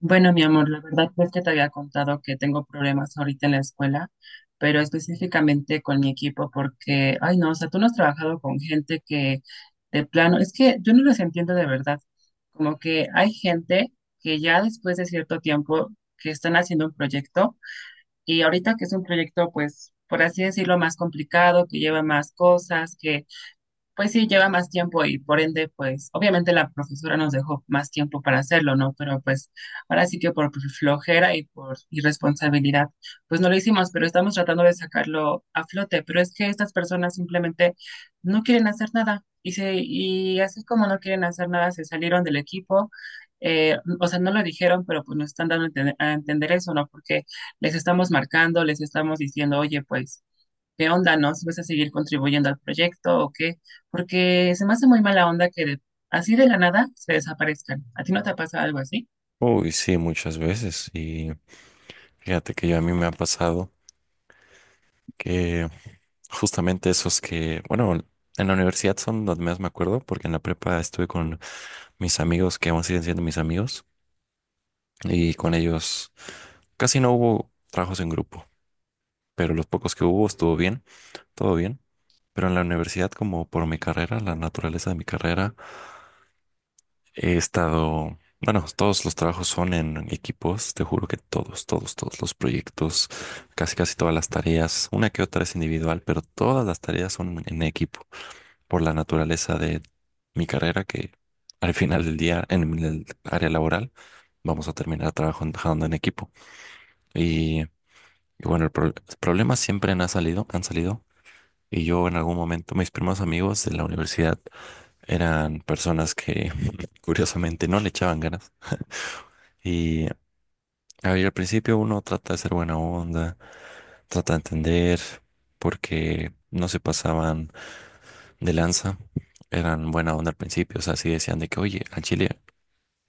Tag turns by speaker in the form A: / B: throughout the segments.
A: Bueno, mi amor, la verdad no es que te había contado que tengo problemas ahorita en la escuela, pero específicamente con mi equipo, porque, ay no, o sea, tú no has trabajado con gente que de plano, es que yo no los entiendo de verdad, como que hay gente que ya después de cierto tiempo que están haciendo un proyecto y ahorita que es un proyecto, pues, por así decirlo, más complicado, que lleva más cosas, que pues sí, lleva más tiempo y por ende, pues obviamente la profesora nos dejó más tiempo para hacerlo, ¿no? Pero pues ahora sí que por flojera y por irresponsabilidad, pues no lo hicimos, pero estamos tratando de sacarlo a flote. Pero es que estas personas simplemente no quieren hacer nada y y así como no quieren hacer nada, se salieron del equipo. O sea, no lo dijeron, pero pues nos están dando a entender eso, ¿no? Porque les estamos marcando, les estamos diciendo, oye, pues ¿qué onda? ¿No? ¿Si vas a seguir contribuyendo al proyecto o qué? Porque se me hace muy mala onda así de la nada se desaparezcan. ¿A ti no te pasa algo así?
B: Uy, sí, muchas veces. Y fíjate que yo a mí me ha pasado que justamente esos que, bueno, en la universidad son los más, me acuerdo, porque en la prepa estuve con mis amigos que aún siguen siendo mis amigos, y con ellos casi no hubo trabajos en grupo, pero los pocos que hubo estuvo bien, todo bien. Pero en la universidad, como por mi carrera, la naturaleza de mi carrera, todos los trabajos son en equipos, te juro que todos, todos, todos los proyectos, casi casi todas las tareas, una que otra es individual, pero todas las tareas son en equipo, por la naturaleza de mi carrera, que al final del día, en el área laboral, vamos a terminar trabajando en equipo. Y bueno, el problemas siempre han salido, han salido. Y yo en algún momento, mis primeros amigos de la universidad eran personas que curiosamente no le echaban ganas. Y, a ver, al principio uno trata de ser buena onda, trata de entender, porque no se pasaban de lanza, eran buena onda al principio. O sea, sí decían de que, oye, al chile,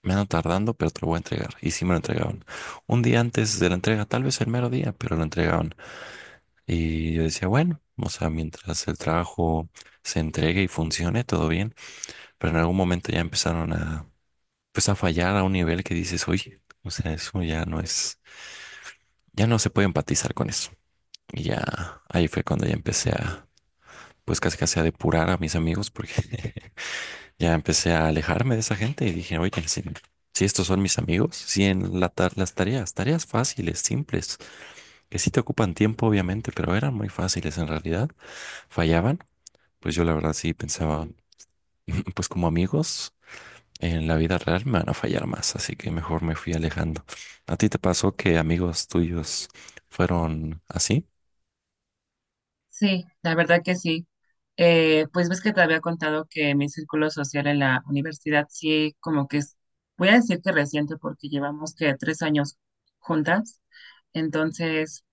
B: me ando tardando, pero te lo voy a entregar. Y sí me lo entregaban. Un día antes de la entrega, tal vez el mero día, pero lo entregaban. Y yo decía, bueno, o sea, mientras el trabajo se entregue y funcione, todo bien, pero en algún momento ya empezaron a, pues, a fallar a un nivel que dices, oye, o sea, eso ya no es... ya no se puede empatizar con eso. Y ya ahí fue cuando ya empecé a, pues casi casi a depurar a mis amigos, porque ya empecé a alejarme de esa gente y dije, oye, si estos son mis amigos, si en las tareas fáciles, simples, que sí te ocupan tiempo, obviamente, pero eran muy fáciles en realidad, fallaban, pues yo la verdad sí pensaba, pues como amigos, en la vida real me van a fallar más, así que mejor me fui alejando. ¿A ti te pasó que amigos tuyos fueron así?
A: Sí, la verdad que sí. Pues ves que te había contado que mi círculo social en la universidad sí, como que es, voy a decir que reciente porque llevamos que 3 años juntas. Entonces,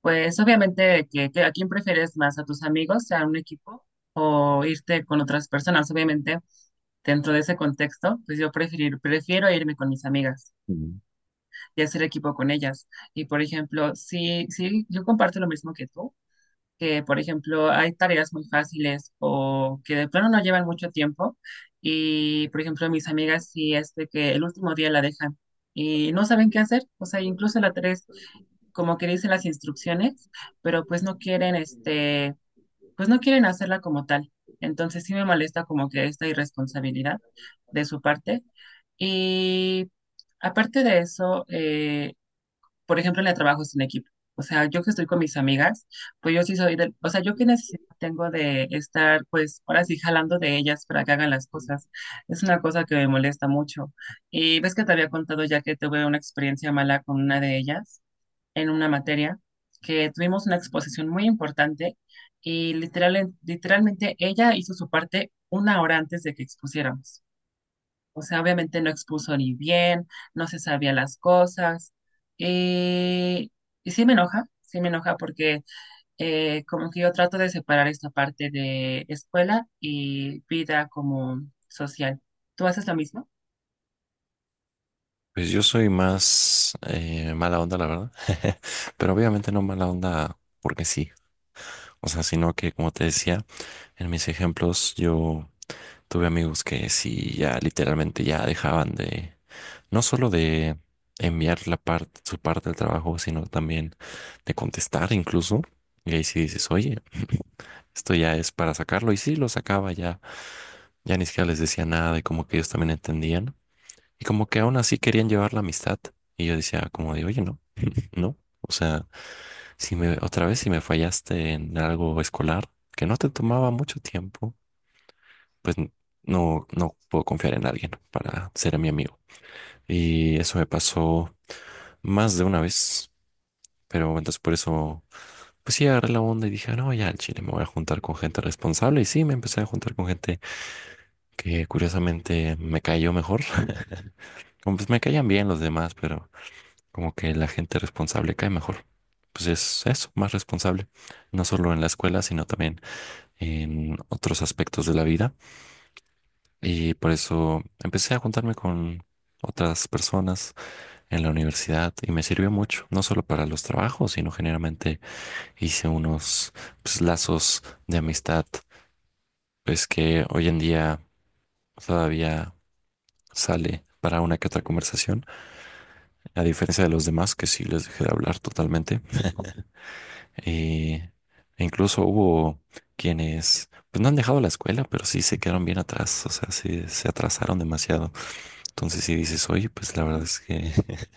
A: pues obviamente que a quién prefieres más, a tus amigos, a un equipo o irte con otras personas. Obviamente, dentro de ese contexto, pues prefiero irme con mis amigas y hacer equipo con ellas. Y por ejemplo, sí, sí, yo comparto lo mismo que tú que, por ejemplo, hay tareas muy fáciles o que de plano no llevan mucho tiempo. Y, por ejemplo, mis amigas sí es de que el último día la dejan y no saben qué hacer. O sea, incluso la tres, como que dicen las instrucciones, pero pues no quieren, este, pues no quieren hacerla como tal. Entonces sí me molesta como que esta irresponsabilidad de su parte. Y aparte de eso, por ejemplo, en el trabajo es un equipo. O sea, yo que estoy con mis amigas, pues yo sí soy del, o sea, yo qué necesidad tengo de estar, pues, ahora sí jalando de ellas para que hagan las cosas. Es una cosa que me molesta mucho. Y ves que te había contado ya que tuve una experiencia mala con una de ellas en una materia, que tuvimos una exposición muy importante y literalmente ella hizo su parte 1 hora antes de que expusiéramos. O sea, obviamente no expuso ni bien, no se sabía las cosas. Y, y sí me enoja porque como que yo trato de separar esta parte de escuela y vida como social. ¿Tú haces lo mismo?
B: Pues yo soy más mala onda, la verdad. Pero obviamente no mala onda porque sí. O sea, sino que, como te decía, en mis ejemplos yo tuve amigos que sí ya literalmente ya dejaban de, no solo de enviar su parte del trabajo, sino también de contestar incluso. Y ahí sí dices, oye, esto ya es para sacarlo. Y sí, lo sacaba ya. Ya ni siquiera les decía nada y como que ellos también entendían. Y como que aún así querían llevar la amistad. Y yo decía como de, oye, no. ¿No? O sea, si me, otra vez, si me fallaste en algo escolar que no te tomaba mucho tiempo, pues no, no puedo confiar en alguien para ser mi amigo. Y eso me pasó más de una vez, pero entonces por eso, pues sí, agarré la onda y dije, no, ya al chile me voy a juntar con gente responsable. Y sí, me empecé a juntar con gente que curiosamente me cayó mejor. Como pues me caían bien los demás, pero como que la gente responsable cae mejor. Pues es eso, más responsable no solo en la escuela, sino también en otros aspectos de la vida, y por eso empecé a juntarme con otras personas en la universidad, y me sirvió mucho, no solo para los trabajos, sino generalmente hice unos, pues, lazos de amistad, pues que hoy en día todavía sale para una que otra conversación, a diferencia de los demás que sí les dejé de hablar totalmente. Eh, e incluso hubo quienes pues no han dejado la escuela, pero sí se quedaron bien atrás, o sea, sí se atrasaron demasiado. Entonces, si dices, oye, pues la verdad es que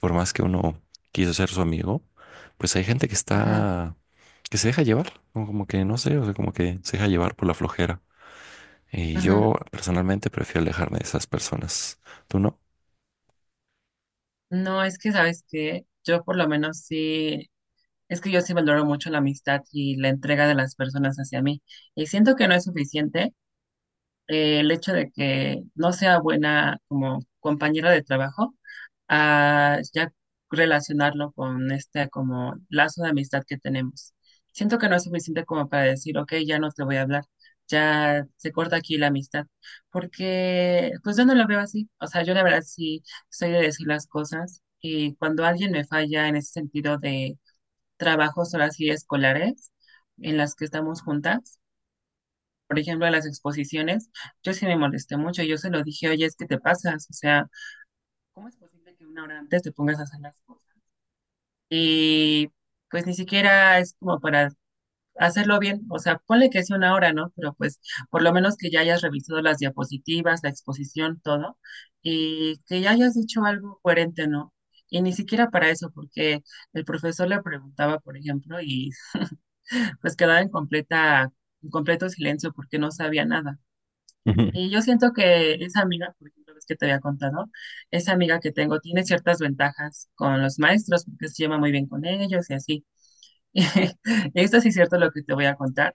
B: por más que uno quiso ser su amigo, pues hay gente que
A: Ajá,
B: está, que se deja llevar, ¿no? Como que no sé, o sea, como que se deja llevar por la flojera. Y
A: ajá.
B: yo personalmente prefiero alejarme de esas personas. ¿Tú no?
A: No, es que sabes que yo por lo menos sí, es que yo sí valoro mucho la amistad y la entrega de las personas hacia mí. Y siento que no es suficiente el hecho de que no sea buena como compañera de trabajo a ya relacionarlo con este como lazo de amistad que tenemos. Siento que no es suficiente como para decir, ok, ya no te voy a hablar, ya se corta aquí la amistad, porque pues yo no lo veo así, o sea, yo la verdad sí soy de decir las cosas y cuando alguien me falla en ese sentido de trabajos, ahora sí, escolares, en las que estamos juntas, por ejemplo, en las exposiciones, yo sí me molesté mucho, yo se lo dije, oye, es que te pasas, o sea, ¿cómo es posible que 1 hora antes te pongas a hacer las cosas? Y pues ni siquiera es como para hacerlo bien, o sea, ponle que sea 1 hora, ¿no? Pero pues por lo menos que ya hayas revisado las diapositivas, la exposición, todo, y que ya hayas dicho algo coherente, ¿no? Y ni siquiera para eso, porque el profesor le preguntaba, por ejemplo, y pues quedaba en en completo silencio porque no sabía nada. Y yo siento que esa amiga, por ejemplo, ves que te había contado, esa amiga que tengo tiene ciertas ventajas con los maestros porque se lleva muy bien con ellos y así esto sí es cierto lo que te voy a contar,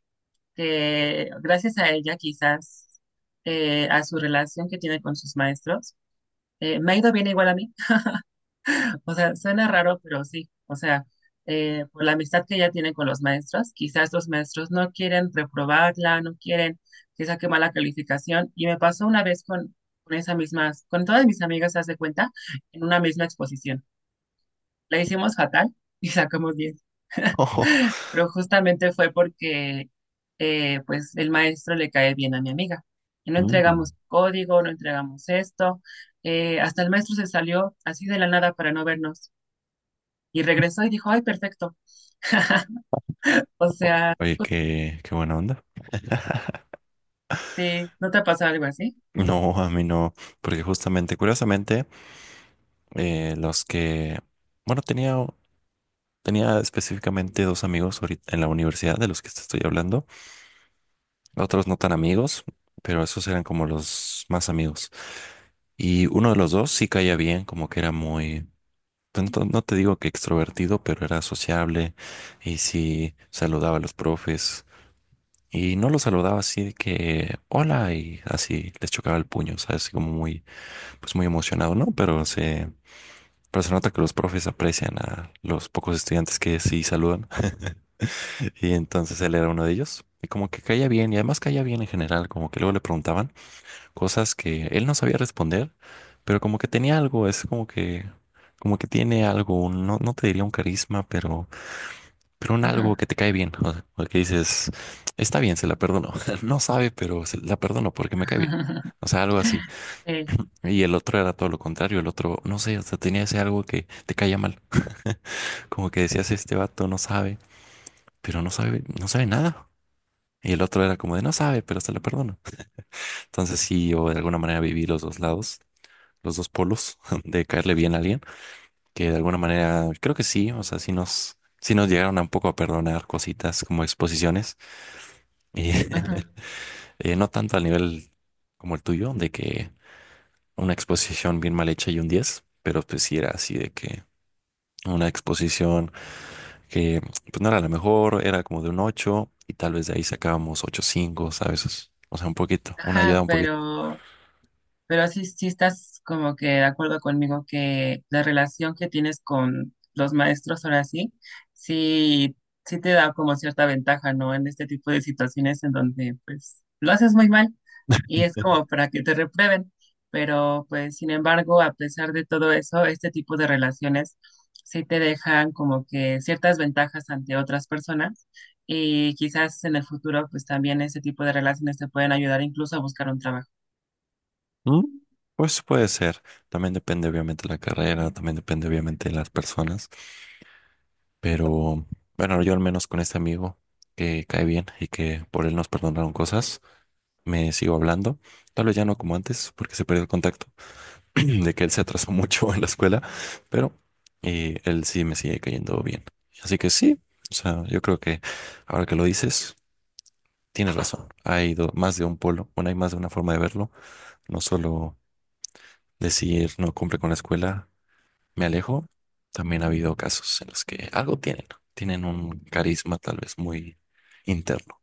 A: que gracias a ella, quizás a su relación que tiene con sus maestros, me ha ido bien igual a mí. O sea, suena raro, pero sí. O sea, por la amistad que ella tiene con los maestros, quizás los maestros no quieren reprobarla, no quieren que saque mala calificación. Y me pasó una vez con esa misma, con todas mis amigas, haz de cuenta, en una misma exposición. La hicimos fatal y sacamos 10,
B: Ojo.
A: pero justamente fue porque pues el maestro le cae bien a mi amiga. Y no
B: Mm.
A: entregamos código, no entregamos esto. Hasta el maestro se salió así de la nada para no vernos y regresó y dijo, ay, perfecto. O sea,
B: Oye, qué buena onda.
A: sí, ¿no te ha pasado algo así?
B: No, a mí no, porque justamente, curiosamente, los que, bueno, tenía específicamente dos amigos ahorita en la universidad de los que te estoy hablando, otros no tan amigos, pero esos eran como los más amigos. Y uno de los dos sí caía bien, como que era muy, pues, no, no te digo que extrovertido, pero era sociable y sí saludaba a los profes. Y no los saludaba así de que hola y así les chocaba el puño, ¿sabes? Así como muy, pues muy emocionado, ¿no? Pero se nota que los profes aprecian a los pocos estudiantes que sí saludan. Y entonces él era uno de ellos. Y como que caía bien, y además caía bien en general, como que luego le preguntaban cosas que él no sabía responder, pero como que tenía algo, es como que tiene algo, no, no te diría un carisma, pero un
A: Ajá.
B: algo que te cae bien, o sea, o que dices, está bien, se la perdono, no sabe, pero se la perdono porque me cae bien. O sea, algo así.
A: Sí,
B: Y el otro era todo lo contrario. El otro, no sé, o sea, tenía ese algo que te caía mal. Como que decías, este vato no sabe, pero no sabe, no sabe nada. Y el otro era como de no sabe, pero se la perdono. Entonces sí, o de alguna manera viví los dos lados, los dos polos de caerle bien a alguien, que de alguna manera creo que sí. O sea, sí nos llegaron a un poco a perdonar cositas como exposiciones, y,
A: ajá,
B: no tanto al nivel como el tuyo, de que una exposición bien mal hecha y un 10, pero pues sí era así de que una exposición que pues no era la mejor, era como de un 8 y tal vez de ahí sacábamos 8.5, ¿sabes? O sea, un poquito, una ayuda
A: ajá,
B: un poquito.
A: pero sí, sí estás como que de acuerdo conmigo que la relación que tienes con los maestros ahora sí, sí, sí te da como cierta ventaja, ¿no? En este tipo de situaciones en donde pues lo haces muy mal y es como para que te reprueben. Pero pues sin embargo, a pesar de todo eso, este tipo de relaciones sí te dejan como que ciertas ventajas ante otras personas y quizás en el futuro pues también este tipo de relaciones te pueden ayudar incluso a buscar un trabajo.
B: Mm, pues puede ser. También depende obviamente de la carrera, también depende obviamente de las personas. Pero bueno, yo al menos con este amigo que cae bien y que por él nos perdonaron cosas, me sigo hablando. Tal vez ya no como antes, porque se perdió el contacto de que él se atrasó mucho en la escuela, pero él sí me sigue cayendo bien. Así que sí, o sea, yo creo que ahora que lo dices, tienes razón. Hay más de un polo, bueno, hay más de una forma de verlo. No solo decir no cumple con la escuela, me alejo. También ha habido casos en los que algo tienen, ¿no? Tienen un carisma tal vez muy interno.